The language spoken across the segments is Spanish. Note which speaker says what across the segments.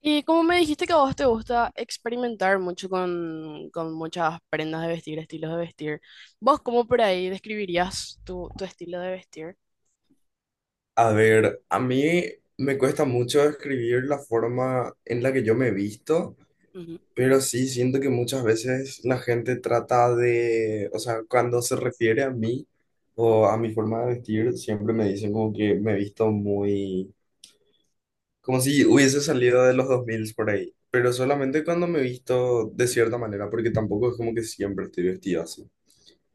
Speaker 1: Y como me dijiste que a vos te gusta experimentar mucho con muchas prendas de vestir, estilos de vestir, ¿vos cómo por ahí describirías tu estilo de vestir?
Speaker 2: A ver, a mí me cuesta mucho escribir la forma en la que yo me he visto,
Speaker 1: Ujú.
Speaker 2: pero sí siento que muchas veces la gente trata o sea, cuando se refiere a mí o a mi forma de vestir, siempre me dicen como que me he visto muy, como si hubiese salido de los 2000 por ahí, pero solamente cuando me he visto de cierta manera, porque tampoco es como que siempre estoy vestido así.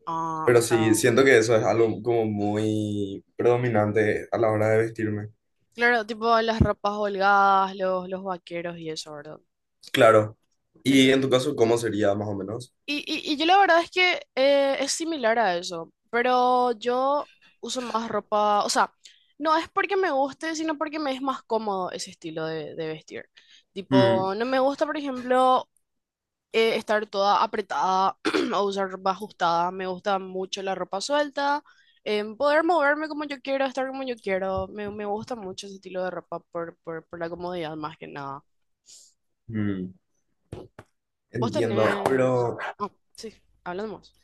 Speaker 1: Ah, o
Speaker 2: Pero
Speaker 1: sea,
Speaker 2: sí, siento que eso es algo como muy predominante a la hora de vestirme.
Speaker 1: claro, tipo las ropas holgadas, los vaqueros y eso, ¿verdad?
Speaker 2: Claro. ¿Y en tu caso cómo sería más o menos?
Speaker 1: Y yo la verdad es que es similar a eso, pero yo uso más ropa, o sea, no es porque me guste, sino porque me es más cómodo ese estilo de vestir.
Speaker 2: Mm,
Speaker 1: Tipo, no me gusta, por ejemplo, estar toda apretada o usar ropa ajustada, me gusta mucho la ropa suelta, poder moverme como yo quiero, estar como yo quiero, me gusta mucho ese estilo de ropa por la comodidad más que nada.
Speaker 2: mm,
Speaker 1: Vos
Speaker 2: entiendo,
Speaker 1: tenés... ah, sí, hablamos.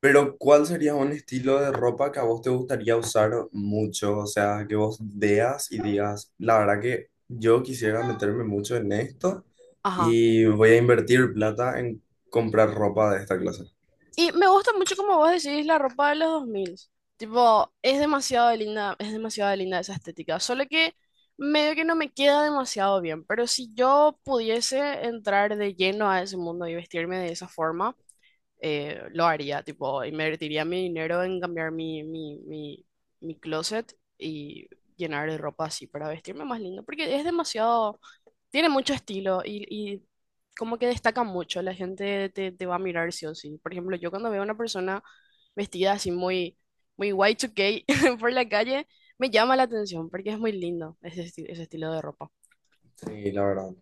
Speaker 2: pero ¿cuál sería un estilo de ropa que a vos te gustaría usar mucho? O sea, que vos veas y digas, la verdad que yo quisiera meterme mucho en esto y voy a invertir plata en comprar ropa de esta clase.
Speaker 1: Y me gusta mucho como vos decís la ropa de los dos mil. Tipo, es demasiado linda esa estética. Solo que medio que no me queda demasiado bien. Pero si yo pudiese entrar de lleno a ese mundo y vestirme de esa forma, lo haría. Tipo, invertiría mi dinero en cambiar mi closet y llenar de ropa así para vestirme más lindo. Porque es demasiado, tiene mucho estilo y como que destaca mucho. La gente te va a mirar sí o sí. Por ejemplo, yo cuando veo a una persona vestida así muy Y2K por la calle, me llama la atención porque es muy lindo ese estilo de ropa.
Speaker 2: Sí, la verdad.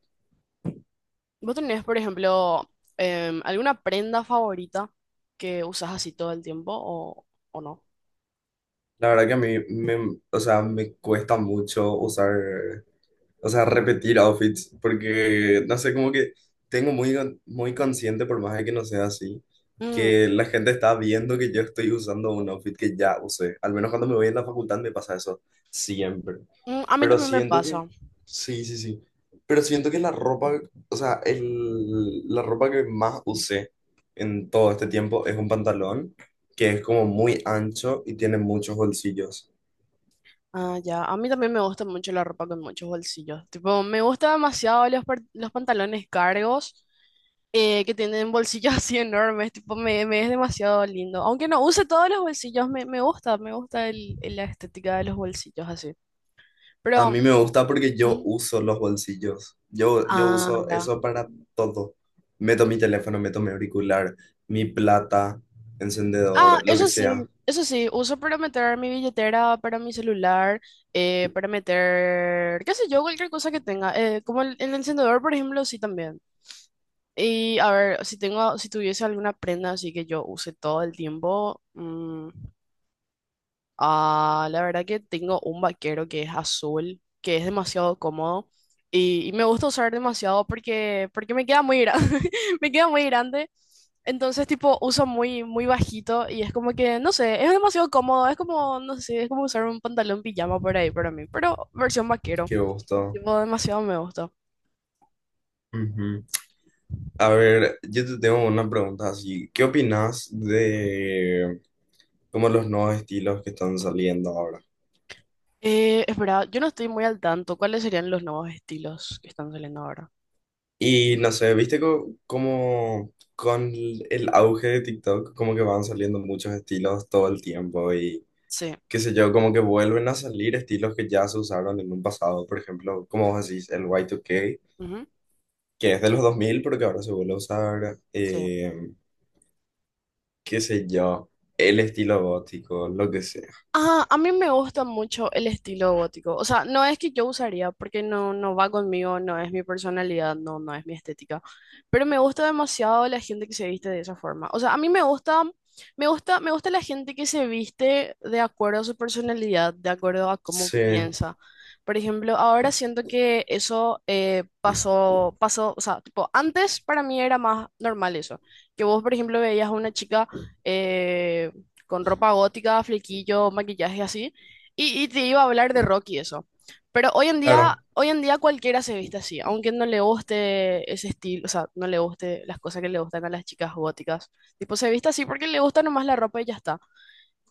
Speaker 1: ¿Vos tenés, por ejemplo, alguna prenda favorita que usas así todo el tiempo o no?
Speaker 2: La verdad que o sea, me cuesta mucho repetir outfits, porque no sé, como que tengo muy, muy consciente, por más de que no sea así,
Speaker 1: Mm,
Speaker 2: que la gente está viendo que yo estoy usando un outfit que ya usé. Al menos cuando me voy en la facultad me pasa eso siempre.
Speaker 1: a mí
Speaker 2: Pero
Speaker 1: también me
Speaker 2: siento que,
Speaker 1: pasa.
Speaker 2: sí, sí, sí. Pero siento que o sea, la ropa que más usé en todo este tiempo es un pantalón que es como muy ancho y tiene muchos bolsillos.
Speaker 1: Ah, ya. A mí también me gusta mucho la ropa con muchos bolsillos. Tipo, me gusta demasiado los pantalones cargos, que tienen bolsillos así enormes. Tipo, me es demasiado lindo. Aunque no use todos los bolsillos, me gusta la estética de los bolsillos así.
Speaker 2: A
Speaker 1: Pero,
Speaker 2: mí me gusta porque yo
Speaker 1: mm,
Speaker 2: uso los bolsillos. Yo
Speaker 1: ah,
Speaker 2: uso
Speaker 1: ya.
Speaker 2: eso para todo. Meto mi teléfono, meto mi auricular, mi plata,
Speaker 1: Ah,
Speaker 2: encendedor, lo que sea.
Speaker 1: eso sí, uso para meter mi billetera, para mi celular, para meter, qué sé yo, cualquier cosa que tenga. Como el encendedor, por ejemplo, sí también. Y a ver, si tuviese alguna prenda así que yo use todo el tiempo, mm, ah, la verdad que tengo un vaquero que es azul, que es demasiado cómodo y me gusta usar demasiado porque me queda muy grande, me queda muy grande, entonces tipo uso muy bajito y es como que, no sé, es demasiado cómodo, es como, no sé, es como usar un pantalón pijama por ahí para mí, pero versión vaquero,
Speaker 2: Qué gusto.
Speaker 1: tipo demasiado me gusta.
Speaker 2: Ujú. A ver, yo te tengo una pregunta así. ¿Qué opinas de como los nuevos estilos que están saliendo ahora?
Speaker 1: Es verdad, yo no estoy muy al tanto. ¿Cuáles serían los nuevos estilos que están saliendo ahora?
Speaker 2: Y no sé, ¿viste como con el auge de TikTok, como que van saliendo muchos estilos todo el tiempo y
Speaker 1: Sí.
Speaker 2: qué sé yo, como que vuelven a salir estilos que ya se usaron en un pasado, por ejemplo, como vos decís, el Y2K,
Speaker 1: Ujú,
Speaker 2: que es de los 2000, pero que ahora se vuelve a usar,
Speaker 1: sí.
Speaker 2: qué sé yo, el estilo gótico, lo que sea.
Speaker 1: Ah, a mí me gusta mucho el estilo gótico. O sea, no es que yo usaría, porque no, no va conmigo, no es mi personalidad, no, no es mi estética. Pero me gusta demasiado la gente que se viste de esa forma. O sea, a mí me gusta, me gusta, me gusta la gente que se viste de acuerdo a su personalidad, de acuerdo a cómo
Speaker 2: Sí,
Speaker 1: piensa. Por ejemplo, ahora siento que eso pasó, pasó, o sea, tipo, antes para mí era más normal eso. Que vos, por ejemplo, veías a una chica, eh, con ropa gótica, flequillo, maquillaje así, y te iba a hablar de rock y eso. Pero
Speaker 2: claro.
Speaker 1: hoy en día cualquiera se viste así, aunque no le guste ese estilo, o sea, no le guste las cosas que le gustan a las chicas góticas. Tipo, se viste así porque le gusta nomás la ropa y ya está.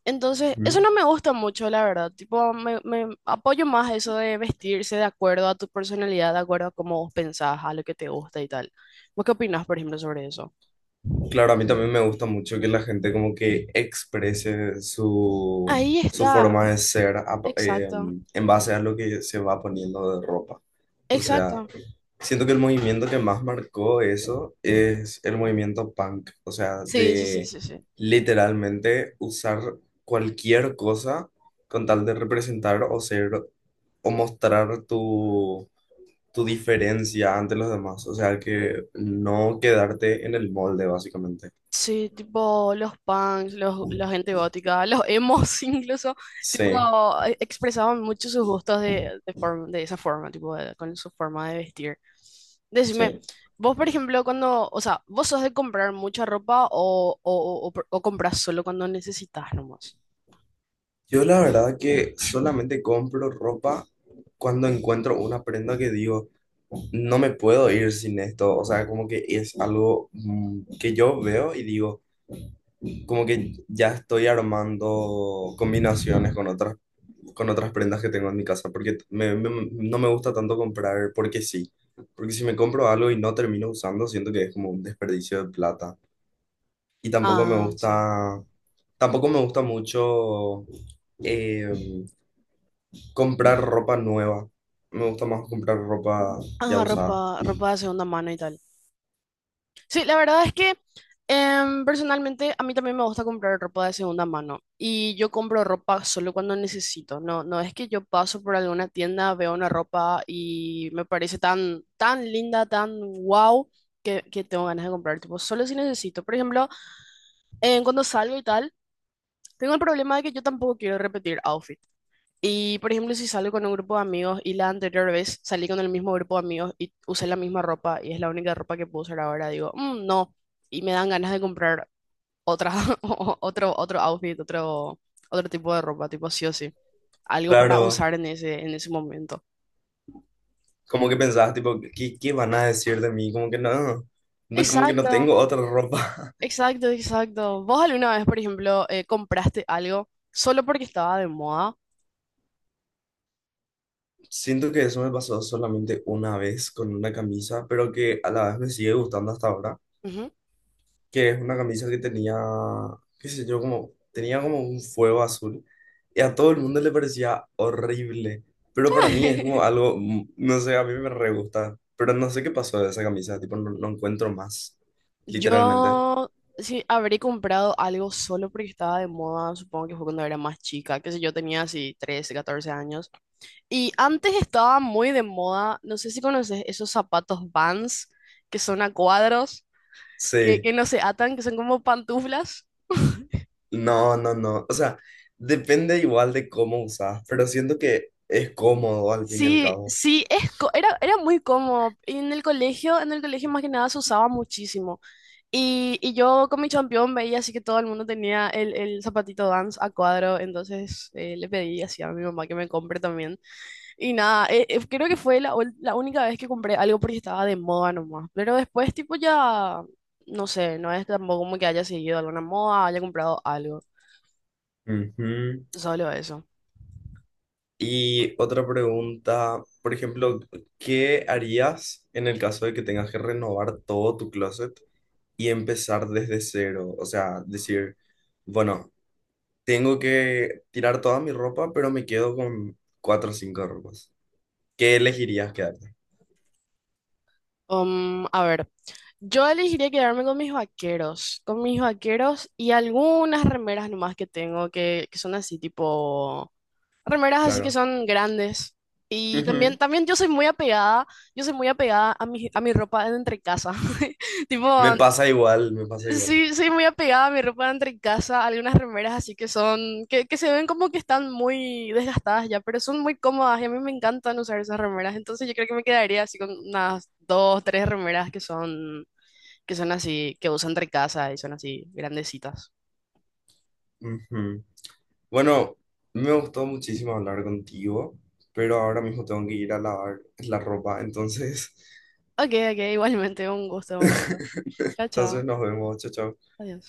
Speaker 1: Entonces, eso
Speaker 2: Ujú.
Speaker 1: no me gusta mucho, la verdad. Tipo, me apoyo más a eso de vestirse de acuerdo a tu personalidad, de acuerdo a cómo vos pensás, a lo que te gusta y tal. ¿Vos qué opinás, por ejemplo, sobre eso?
Speaker 2: Claro, a mí también me gusta mucho que la gente como que exprese su,
Speaker 1: Ahí
Speaker 2: su
Speaker 1: está,
Speaker 2: forma de ser a-
Speaker 1: exacto,
Speaker 2: en base a lo que se va poniendo de ropa. O sea,
Speaker 1: exacto.
Speaker 2: siento que el movimiento que más marcó eso es el movimiento punk, o sea,
Speaker 1: Sí, sí, sí,
Speaker 2: de
Speaker 1: sí, sí.
Speaker 2: literalmente usar cualquier cosa con tal de representar o ser o mostrar tu, tu diferencia ante los demás, o sea, que no quedarte en el molde, básicamente.
Speaker 1: Sí, tipo los punks, los, la gente gótica, los emos incluso, tipo
Speaker 2: Sí,
Speaker 1: expresaban mucho sus gustos de esa forma, tipo con su forma de vestir. Decime,
Speaker 2: sí.
Speaker 1: vos por ejemplo, cuando, o sea, ¿vos sos de comprar mucha ropa o compras solo cuando necesitas nomás?
Speaker 2: Yo la verdad que solamente compro ropa cuando encuentro una prenda que digo, no me puedo ir sin esto, o sea, como que es algo mm, que yo veo y digo, como que ya estoy armando combinaciones con con otras prendas que tengo en mi casa, porque no me gusta tanto comprar porque sí, porque si me compro algo y no termino usando, siento que es como un desperdicio de plata. Y tampoco me
Speaker 1: Ah, sí.
Speaker 2: gusta, tampoco me gusta mucho em, comprar ropa nueva, me gusta más comprar ropa
Speaker 1: Ah,
Speaker 2: ya
Speaker 1: ropa,
Speaker 2: usada.
Speaker 1: ropa de segunda mano y tal. Sí, la verdad es que personalmente a mí también me gusta comprar ropa de segunda mano y yo compro ropa solo cuando necesito. No, no es que yo paso por alguna tienda, veo una ropa y me parece tan linda, tan wow, que tengo ganas de comprar. Tipo, solo si necesito. Por ejemplo, cuando salgo y tal, tengo el problema de que yo tampoco quiero repetir outfits. Y, por ejemplo, si salgo con un grupo de amigos y la anterior vez salí con el mismo grupo de amigos y usé la misma ropa y es la única ropa que puedo usar ahora, digo, "Mm, no", y me dan ganas de comprar otra, otro outfit, otro, otro tipo de ropa, tipo sí o sí, algo para
Speaker 2: Claro.
Speaker 1: usar en ese momento.
Speaker 2: Como que pensabas, tipo, ¿qué, qué van a decir de mí? Como que no
Speaker 1: Exacto,
Speaker 2: tengo otra ropa.
Speaker 1: exacto, exacto. ¿Vos alguna vez, por ejemplo, compraste algo solo porque estaba de moda?
Speaker 2: Siento que eso me pasó solamente una vez con una camisa, pero que a la vez me sigue gustando hasta ahora,
Speaker 1: Ujú.
Speaker 2: que es una camisa que tenía, qué sé yo, como, tenía como un fuego azul y a todo el mundo le parecía horrible, pero para mí es como algo, mm, no sé, a mí me re gusta, pero no sé qué pasó de esa camisa, tipo, no encuentro más, literalmente.
Speaker 1: Yo sí habré comprado algo solo porque estaba de moda, supongo que fue cuando era más chica, que sé yo, tenía así 13 14 años. Y antes estaba muy de moda, no sé si conoces esos zapatos Vans que son a cuadros,
Speaker 2: Sí.
Speaker 1: que no se atan, que son como pantuflas.
Speaker 2: No, no, no. O sea, depende igual de cómo usas, pero siento que es cómodo al fin y al
Speaker 1: Sí,
Speaker 2: cabo.
Speaker 1: sí, es, era, era muy cómodo. Y en el colegio más que nada se usaba muchísimo. Y yo con mi champión veía así que todo el mundo tenía el zapatito Vans a cuadro, entonces le pedí así a mi mamá que me compre también. Y nada, creo que fue la única vez que compré algo porque estaba de moda nomás. Pero después tipo ya, no sé, no es tampoco como que haya seguido alguna moda, haya comprado algo,
Speaker 2: Ujú.
Speaker 1: solo eso.
Speaker 2: Y otra pregunta, por ejemplo, ¿qué harías en el caso de que tengas que renovar todo tu closet y empezar desde cero? O sea, decir, bueno, tengo que tirar toda mi ropa, pero me quedo con cuatro o cinco ropas. ¿Qué elegirías quedarte?
Speaker 1: A ver, yo elegiría quedarme con mis vaqueros y algunas remeras nomás que tengo que son así tipo remeras así que
Speaker 2: Claro.
Speaker 1: son grandes. Y también,
Speaker 2: Ujú.
Speaker 1: también yo soy muy apegada, yo soy muy apegada a mi ropa de entre casa. Tipo,
Speaker 2: Me pasa igual, me pasa igual.
Speaker 1: sí, soy muy apegada a mi ropa de entre casa, algunas remeras así que son, que se ven como que están muy desgastadas ya, pero son muy cómodas y a mí me encantan usar esas remeras. Entonces yo creo que me quedaría así con unas dos, tres remeras que son así, que uso entre casa y son así grandecitas.
Speaker 2: Ujú. Bueno, me gustó muchísimo hablar contigo, pero ahora mismo tengo que ir a lavar la ropa, entonces,
Speaker 1: Ok, ok, igualmente, un gusto, un gusto. Chao,
Speaker 2: entonces
Speaker 1: chao.
Speaker 2: nos vemos, chao, chao.
Speaker 1: Adiós.